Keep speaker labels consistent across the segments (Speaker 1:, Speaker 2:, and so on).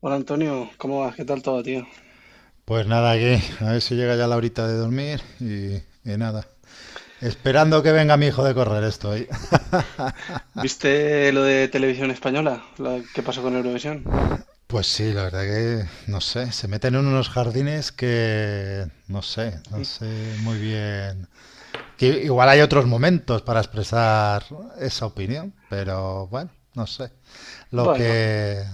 Speaker 1: Hola Antonio, ¿cómo vas? ¿Qué tal todo, tío?
Speaker 2: Pues nada, que a ver si llega ya la horita de dormir y nada. Esperando que venga mi hijo de correr estoy.
Speaker 1: ¿Viste lo de Televisión Española? ¿Qué pasó con Eurovisión?
Speaker 2: Pues sí, la verdad que no sé, se meten en unos jardines que no sé, no sé muy bien. Que igual hay otros momentos para expresar esa opinión, pero bueno, no sé. Lo
Speaker 1: Bueno,
Speaker 2: que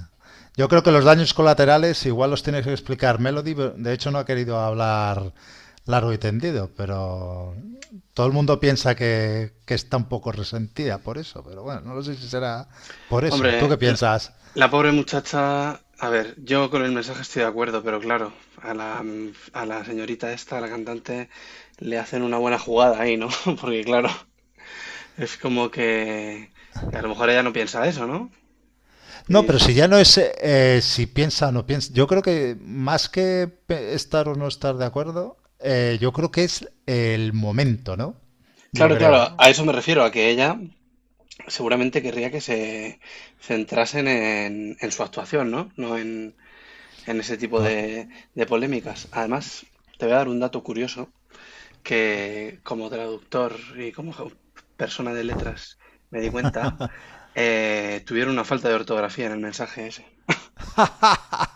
Speaker 2: yo creo que los daños colaterales igual los tiene que explicar Melody, de hecho no ha querido hablar largo y tendido, pero todo el mundo piensa que está un poco resentida por eso, pero bueno, no lo sé si será por eso. ¿Tú
Speaker 1: hombre,
Speaker 2: qué piensas?
Speaker 1: la pobre muchacha. A ver, yo con el mensaje estoy de acuerdo, pero claro, a la señorita esta, a la cantante, le hacen una buena jugada ahí, ¿no? Porque claro, es como que a lo mejor ella no piensa eso, ¿no?
Speaker 2: No,
Speaker 1: Y
Speaker 2: pero
Speaker 1: se-
Speaker 2: si ya no es si piensa o no piensa, yo creo que más que estar o no estar de acuerdo, yo creo que es el momento, ¿no? Yo
Speaker 1: Claro, claro,
Speaker 2: creo.
Speaker 1: a eso me refiero, a que ella seguramente querría que se centrasen en su actuación, ¿no? No en ese tipo
Speaker 2: Con...
Speaker 1: de polémicas. Además, te voy a dar un dato curioso que como traductor y como persona de letras me di cuenta, tuvieron una falta de ortografía en el mensaje ese.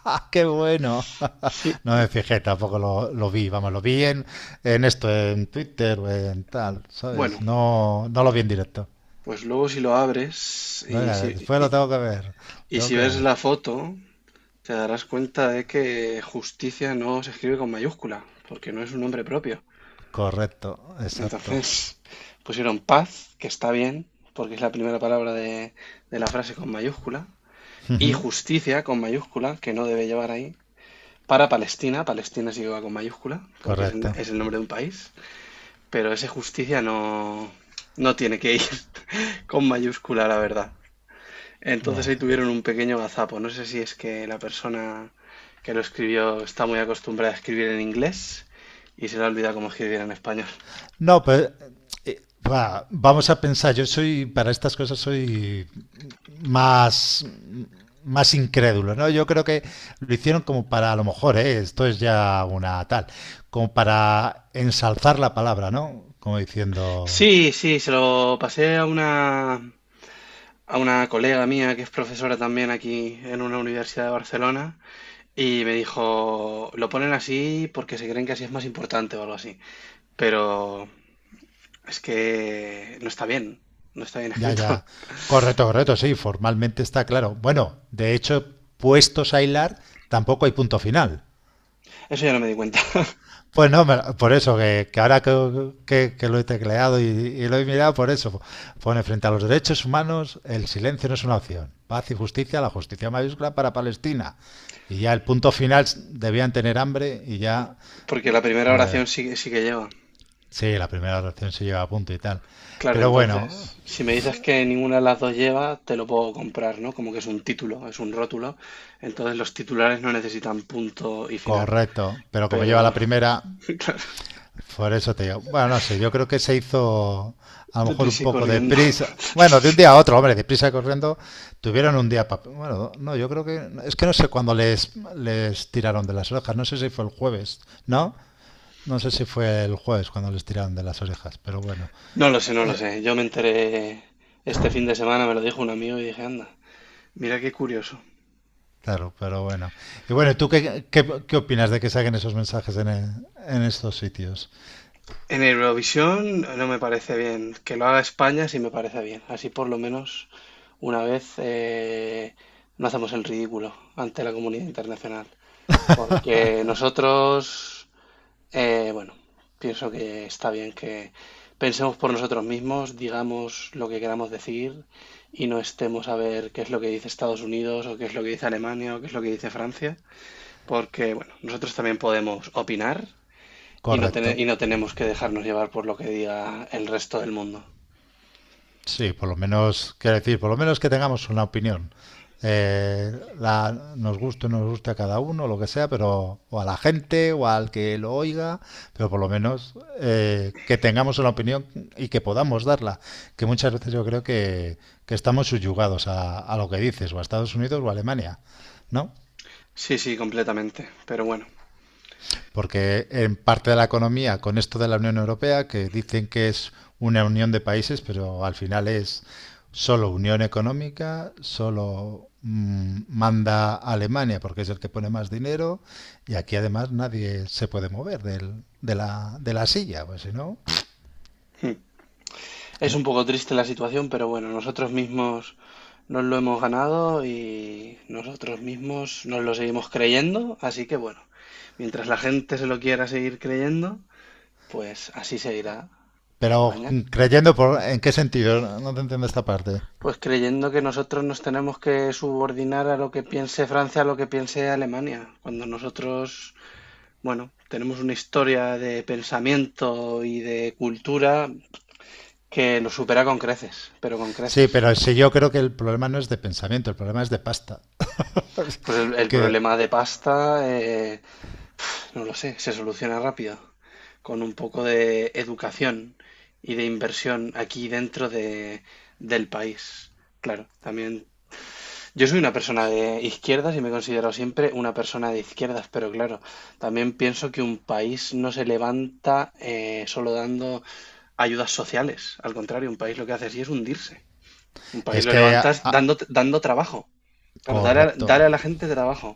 Speaker 2: ¡Ah, qué bueno!
Speaker 1: Sí,
Speaker 2: No me fijé, tampoco lo vi, vamos, en esto, en Twitter, en tal, ¿sabes?
Speaker 1: bueno,
Speaker 2: No, no lo vi en directo.
Speaker 1: pues luego si lo abres y
Speaker 2: Venga, después lo tengo que ver,
Speaker 1: y
Speaker 2: tengo
Speaker 1: si
Speaker 2: que
Speaker 1: ves
Speaker 2: ver.
Speaker 1: la foto, te darás cuenta de que justicia no se escribe con mayúscula, porque no es un nombre propio.
Speaker 2: Correcto, exacto,
Speaker 1: Entonces pusieron paz, que está bien, porque es la primera palabra de la frase con mayúscula, y justicia con mayúscula, que no debe llevar ahí, para Palestina. Palestina sí que va con mayúscula, porque
Speaker 2: correcto.
Speaker 1: es el nombre de un país, pero ese justicia no, no tiene que ir con mayúscula, la verdad. Entonces ahí
Speaker 2: Bueno.
Speaker 1: tuvieron un pequeño gazapo. No sé si es que la persona que lo escribió está muy acostumbrada a escribir en inglés y se le ha olvidado cómo escribir en español.
Speaker 2: No, pues eh, vamos a pensar, yo soy, para estas cosas soy más, más incrédulo, ¿no? Yo creo que lo hicieron como para, a lo mejor, ¿eh? Esto es ya una tal, como para ensalzar la palabra, ¿no? Como diciendo,
Speaker 1: Sí, sí, se lo pasé a una colega mía que es profesora también aquí en una universidad de Barcelona y me dijo, lo ponen así porque se creen que así es más importante o algo así, pero es que no está bien, no está bien
Speaker 2: ya,
Speaker 1: escrito.
Speaker 2: ya, correcto, correcto, sí, formalmente está claro. Bueno, de hecho, puestos a hilar, tampoco hay punto final.
Speaker 1: Eso ya no me di cuenta,
Speaker 2: Pues no, por eso, que ahora que lo he tecleado y lo he mirado, por eso pone frente a los derechos humanos, el silencio no es una opción. Paz y justicia, la justicia mayúscula para Palestina. Y ya el punto final, debían tener hambre y ya,
Speaker 1: porque la primera
Speaker 2: pues
Speaker 1: oración sí, sí que lleva.
Speaker 2: sí, la primera oración se lleva a punto y tal.
Speaker 1: Claro,
Speaker 2: Pero bueno,
Speaker 1: entonces, si me dices que ninguna de las dos lleva, te lo puedo comprar, ¿no? Como que es un título, es un rótulo, entonces los titulares no necesitan punto y final,
Speaker 2: correcto. Pero como lleva la
Speaker 1: pero...
Speaker 2: primera, por eso te digo. Bueno, no sé, yo creo que se hizo a lo mejor un
Speaker 1: Deprisa y
Speaker 2: poco de
Speaker 1: corriendo.
Speaker 2: prisa. Bueno, de un día a otro, hombre, de prisa y corriendo, tuvieron un día para... Bueno, no, yo creo que... Es que no sé cuándo les tiraron de las orejas, no sé si fue el jueves, ¿no? No sé si fue el jueves cuando les tiraron de las orejas, pero bueno,
Speaker 1: No lo sé, no lo
Speaker 2: eh,
Speaker 1: sé. Yo me enteré este fin de semana, me lo dijo un amigo y dije, anda, mira qué curioso.
Speaker 2: claro, pero bueno. Y bueno, ¿tú qué opinas de que saquen esos mensajes en estos sitios?
Speaker 1: En Eurovisión no me parece bien. Que lo haga España sí me parece bien. Así por lo menos una vez no hacemos el ridículo ante la comunidad internacional. Porque nosotros... bueno, pienso que está bien que pensemos por nosotros mismos, digamos lo que queramos decir y no estemos a ver qué es lo que dice Estados Unidos o qué es lo que dice Alemania o qué es lo que dice Francia, porque bueno, nosotros también podemos opinar y
Speaker 2: Correcto.
Speaker 1: y no tenemos que dejarnos llevar por lo que diga el resto del mundo.
Speaker 2: Sí, por lo menos, quiero decir, por lo menos que tengamos una opinión. Eh, nos guste o no nos guste a cada uno, lo que sea, pero o a la gente o al que lo oiga, pero por lo menos que tengamos una opinión y que podamos darla. Que muchas veces yo creo que estamos subyugados a lo que dices, o a Estados Unidos o a Alemania, ¿no?
Speaker 1: Sí, sí, completamente, pero bueno.
Speaker 2: Porque en parte de la economía, con esto de la Unión Europea, que dicen que es una unión de países, pero al final es solo unión económica, solo manda Alemania porque es el que pone más dinero y aquí además nadie se puede mover de la silla, pues si no...
Speaker 1: Es
Speaker 2: eh,
Speaker 1: un poco triste la situación, pero bueno, nosotros mismos nos lo hemos ganado y nosotros mismos nos lo seguimos creyendo, así que bueno, mientras la gente se lo quiera seguir creyendo, pues así seguirá
Speaker 2: pero
Speaker 1: España.
Speaker 2: creyendo por, en qué sentido, no te entiendo esta parte.
Speaker 1: Pues creyendo que nosotros nos tenemos que subordinar a lo que piense Francia, a lo que piense Alemania, cuando nosotros, bueno, tenemos una historia de pensamiento y de cultura que lo supera con creces, pero con
Speaker 2: Sí,
Speaker 1: creces.
Speaker 2: pero sí yo creo que el problema no es de pensamiento, el problema es de pasta.
Speaker 1: Pues el
Speaker 2: Que
Speaker 1: problema de pasta, no lo sé, se soluciona rápido con un poco de educación y de inversión aquí dentro de, del país. Claro, también. Yo soy una persona de izquierdas y me he considerado siempre una persona de izquierdas, pero claro, también pienso que un país no se levanta solo dando ayudas sociales. Al contrario, un país lo que hace así es hundirse. Un país
Speaker 2: es
Speaker 1: lo
Speaker 2: que
Speaker 1: levantas dando trabajo. Claro,
Speaker 2: correcto.
Speaker 1: dar a la gente trabajo.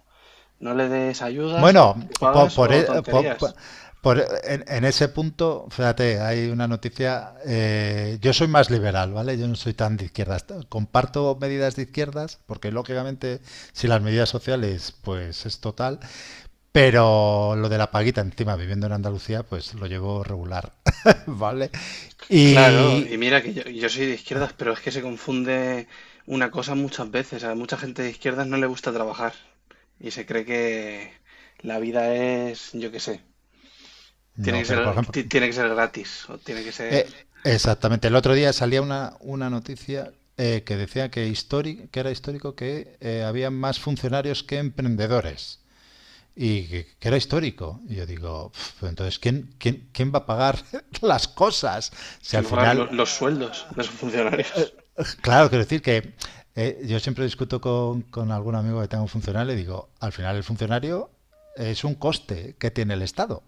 Speaker 1: No le des ayudas o
Speaker 2: Bueno,
Speaker 1: pagas o
Speaker 2: por e- por-
Speaker 1: tonterías.
Speaker 2: por e- en ese punto, fíjate, hay una noticia. Yo soy más liberal, ¿vale? Yo no soy tan de izquierdas. Comparto medidas de izquierdas, porque lógicamente, si las medidas sociales, pues es total. Pero lo de la paguita, encima, viviendo en Andalucía, pues lo llevo regular, ¿vale?
Speaker 1: Claro, y
Speaker 2: Y.
Speaker 1: mira que yo soy de izquierdas, pero es que se confunde una cosa muchas veces. A mucha gente de izquierdas no le gusta trabajar y se cree que la vida es, yo qué sé, tiene que
Speaker 2: No, pero por
Speaker 1: ser,
Speaker 2: ejemplo.
Speaker 1: tiene que ser gratis o tiene que ser
Speaker 2: Eh, exactamente. El otro día salía una noticia que decía que era histórico que había más funcionarios que emprendedores. Que era histórico. Y yo digo, "Pf, entonces, quién va a pagar las cosas? Si
Speaker 1: que
Speaker 2: al
Speaker 1: mejorar
Speaker 2: final
Speaker 1: los sueldos de esos funcionarios.
Speaker 2: claro, quiero decir que yo siempre discuto con algún amigo que tenga un funcionario y digo, al final el funcionario es un coste que tiene el Estado.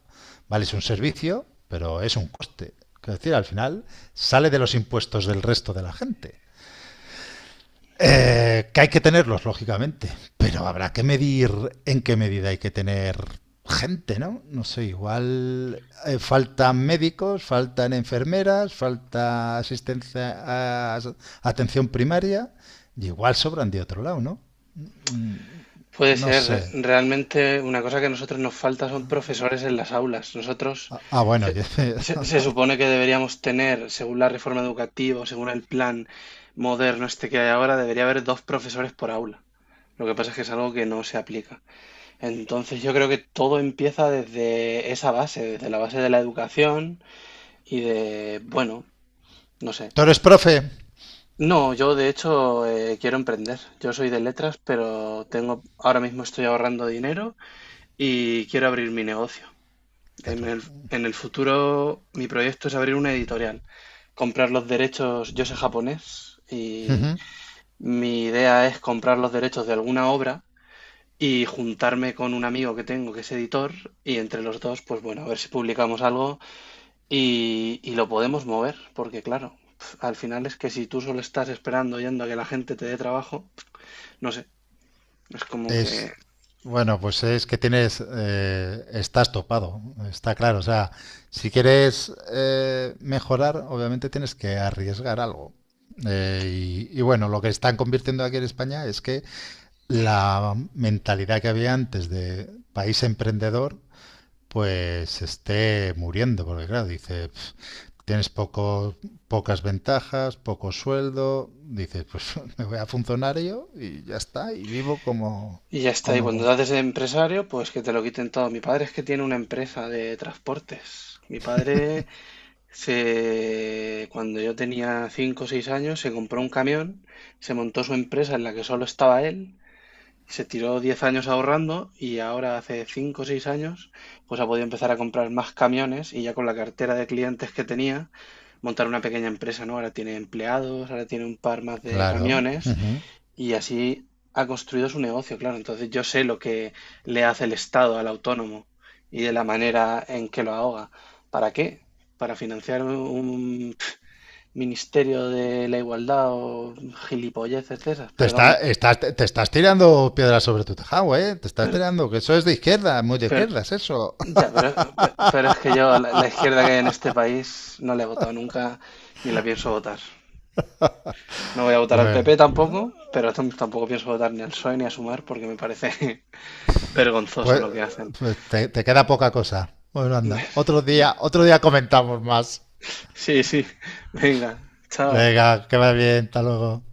Speaker 2: Vale, es un servicio, pero es un coste. Quiero decir, al final sale de los impuestos del resto de la gente. Que hay que tenerlos, lógicamente, pero habrá que medir en qué medida hay que tener gente, ¿no? No sé, igual faltan médicos, faltan enfermeras, falta asistencia a- atención primaria, y igual sobran de otro lado, ¿no? Mm,
Speaker 1: Puede
Speaker 2: no
Speaker 1: ser,
Speaker 2: sé.
Speaker 1: realmente una cosa que a nosotros nos falta son profesores en las aulas. Nosotros
Speaker 2: Bueno,
Speaker 1: se,
Speaker 2: sé.
Speaker 1: se supone que deberíamos tener, según la reforma educativa, o según el plan moderno este que hay ahora, debería haber dos profesores por aula. Lo que pasa es que es algo que no se aplica. Entonces yo creo que todo empieza desde esa base, desde la base de la educación y de, bueno, no sé.
Speaker 2: Tú eres profe.
Speaker 1: No, yo de hecho quiero emprender. Yo soy de letras, pero tengo, ahora mismo estoy ahorrando dinero y quiero abrir mi negocio. En
Speaker 2: Claro.
Speaker 1: el, en el futuro, mi proyecto es abrir una editorial, comprar los derechos, yo sé japonés, y mi idea es comprar los derechos de alguna obra y juntarme con un amigo que tengo que es editor y entre los dos, pues bueno, a ver si publicamos algo y lo podemos mover, porque claro, al final es que si tú solo estás esperando yendo a que la gente te dé trabajo, no sé, es como que...
Speaker 2: Es, bueno, pues es que tienes, estás topado, está claro. O sea, si quieres mejorar, obviamente tienes que arriesgar algo. Y bueno, lo que están convirtiendo aquí en España es que la mentalidad que había antes de país emprendedor pues esté muriendo, porque claro, dice, "Pf, tienes poco, pocas ventajas, poco sueldo, dices, pues me voy a funcionario y ya está, y vivo como,
Speaker 1: Y ya está. Y cuando te
Speaker 2: como...
Speaker 1: haces empresario, pues que te lo quiten todo. Mi padre es que tiene una empresa de transportes. Mi padre cuando yo tenía 5 o 6 años, se compró un camión, se montó su empresa en la que solo estaba él, se tiró 10 años ahorrando y ahora hace 5 o 6 años, pues ha podido empezar a comprar más camiones y ya con la cartera de clientes que tenía, montar una pequeña empresa, ¿no? Ahora tiene empleados, ahora tiene un par más de
Speaker 2: Claro.
Speaker 1: camiones
Speaker 2: Ujú.
Speaker 1: y así ha construido su negocio, claro. Entonces yo sé lo que le hace el Estado al autónomo y de la manera en que lo ahoga. ¿Para qué? ¿Para financiar un ministerio de la igualdad o gilipolleces de esas? Perdón,
Speaker 2: Estás, te estás tirando piedras sobre tu tejado, ¿eh? Te estás tirando, que eso es de izquierda, muy de
Speaker 1: pero,
Speaker 2: izquierdas, eso.
Speaker 1: ya, pero, pero es que yo la izquierda que hay en este país no la he votado nunca ni la pienso votar. No voy a votar al
Speaker 2: Bueno,
Speaker 1: PP tampoco, pero tampoco pienso votar ni al PSOE ni a Sumar porque me parece vergonzoso
Speaker 2: pues,
Speaker 1: lo que hacen.
Speaker 2: pues te queda poca cosa. Bueno, anda,
Speaker 1: No.
Speaker 2: otro día comentamos más.
Speaker 1: Sí, sí. Venga, chao.
Speaker 2: Venga, que va bien, hasta luego.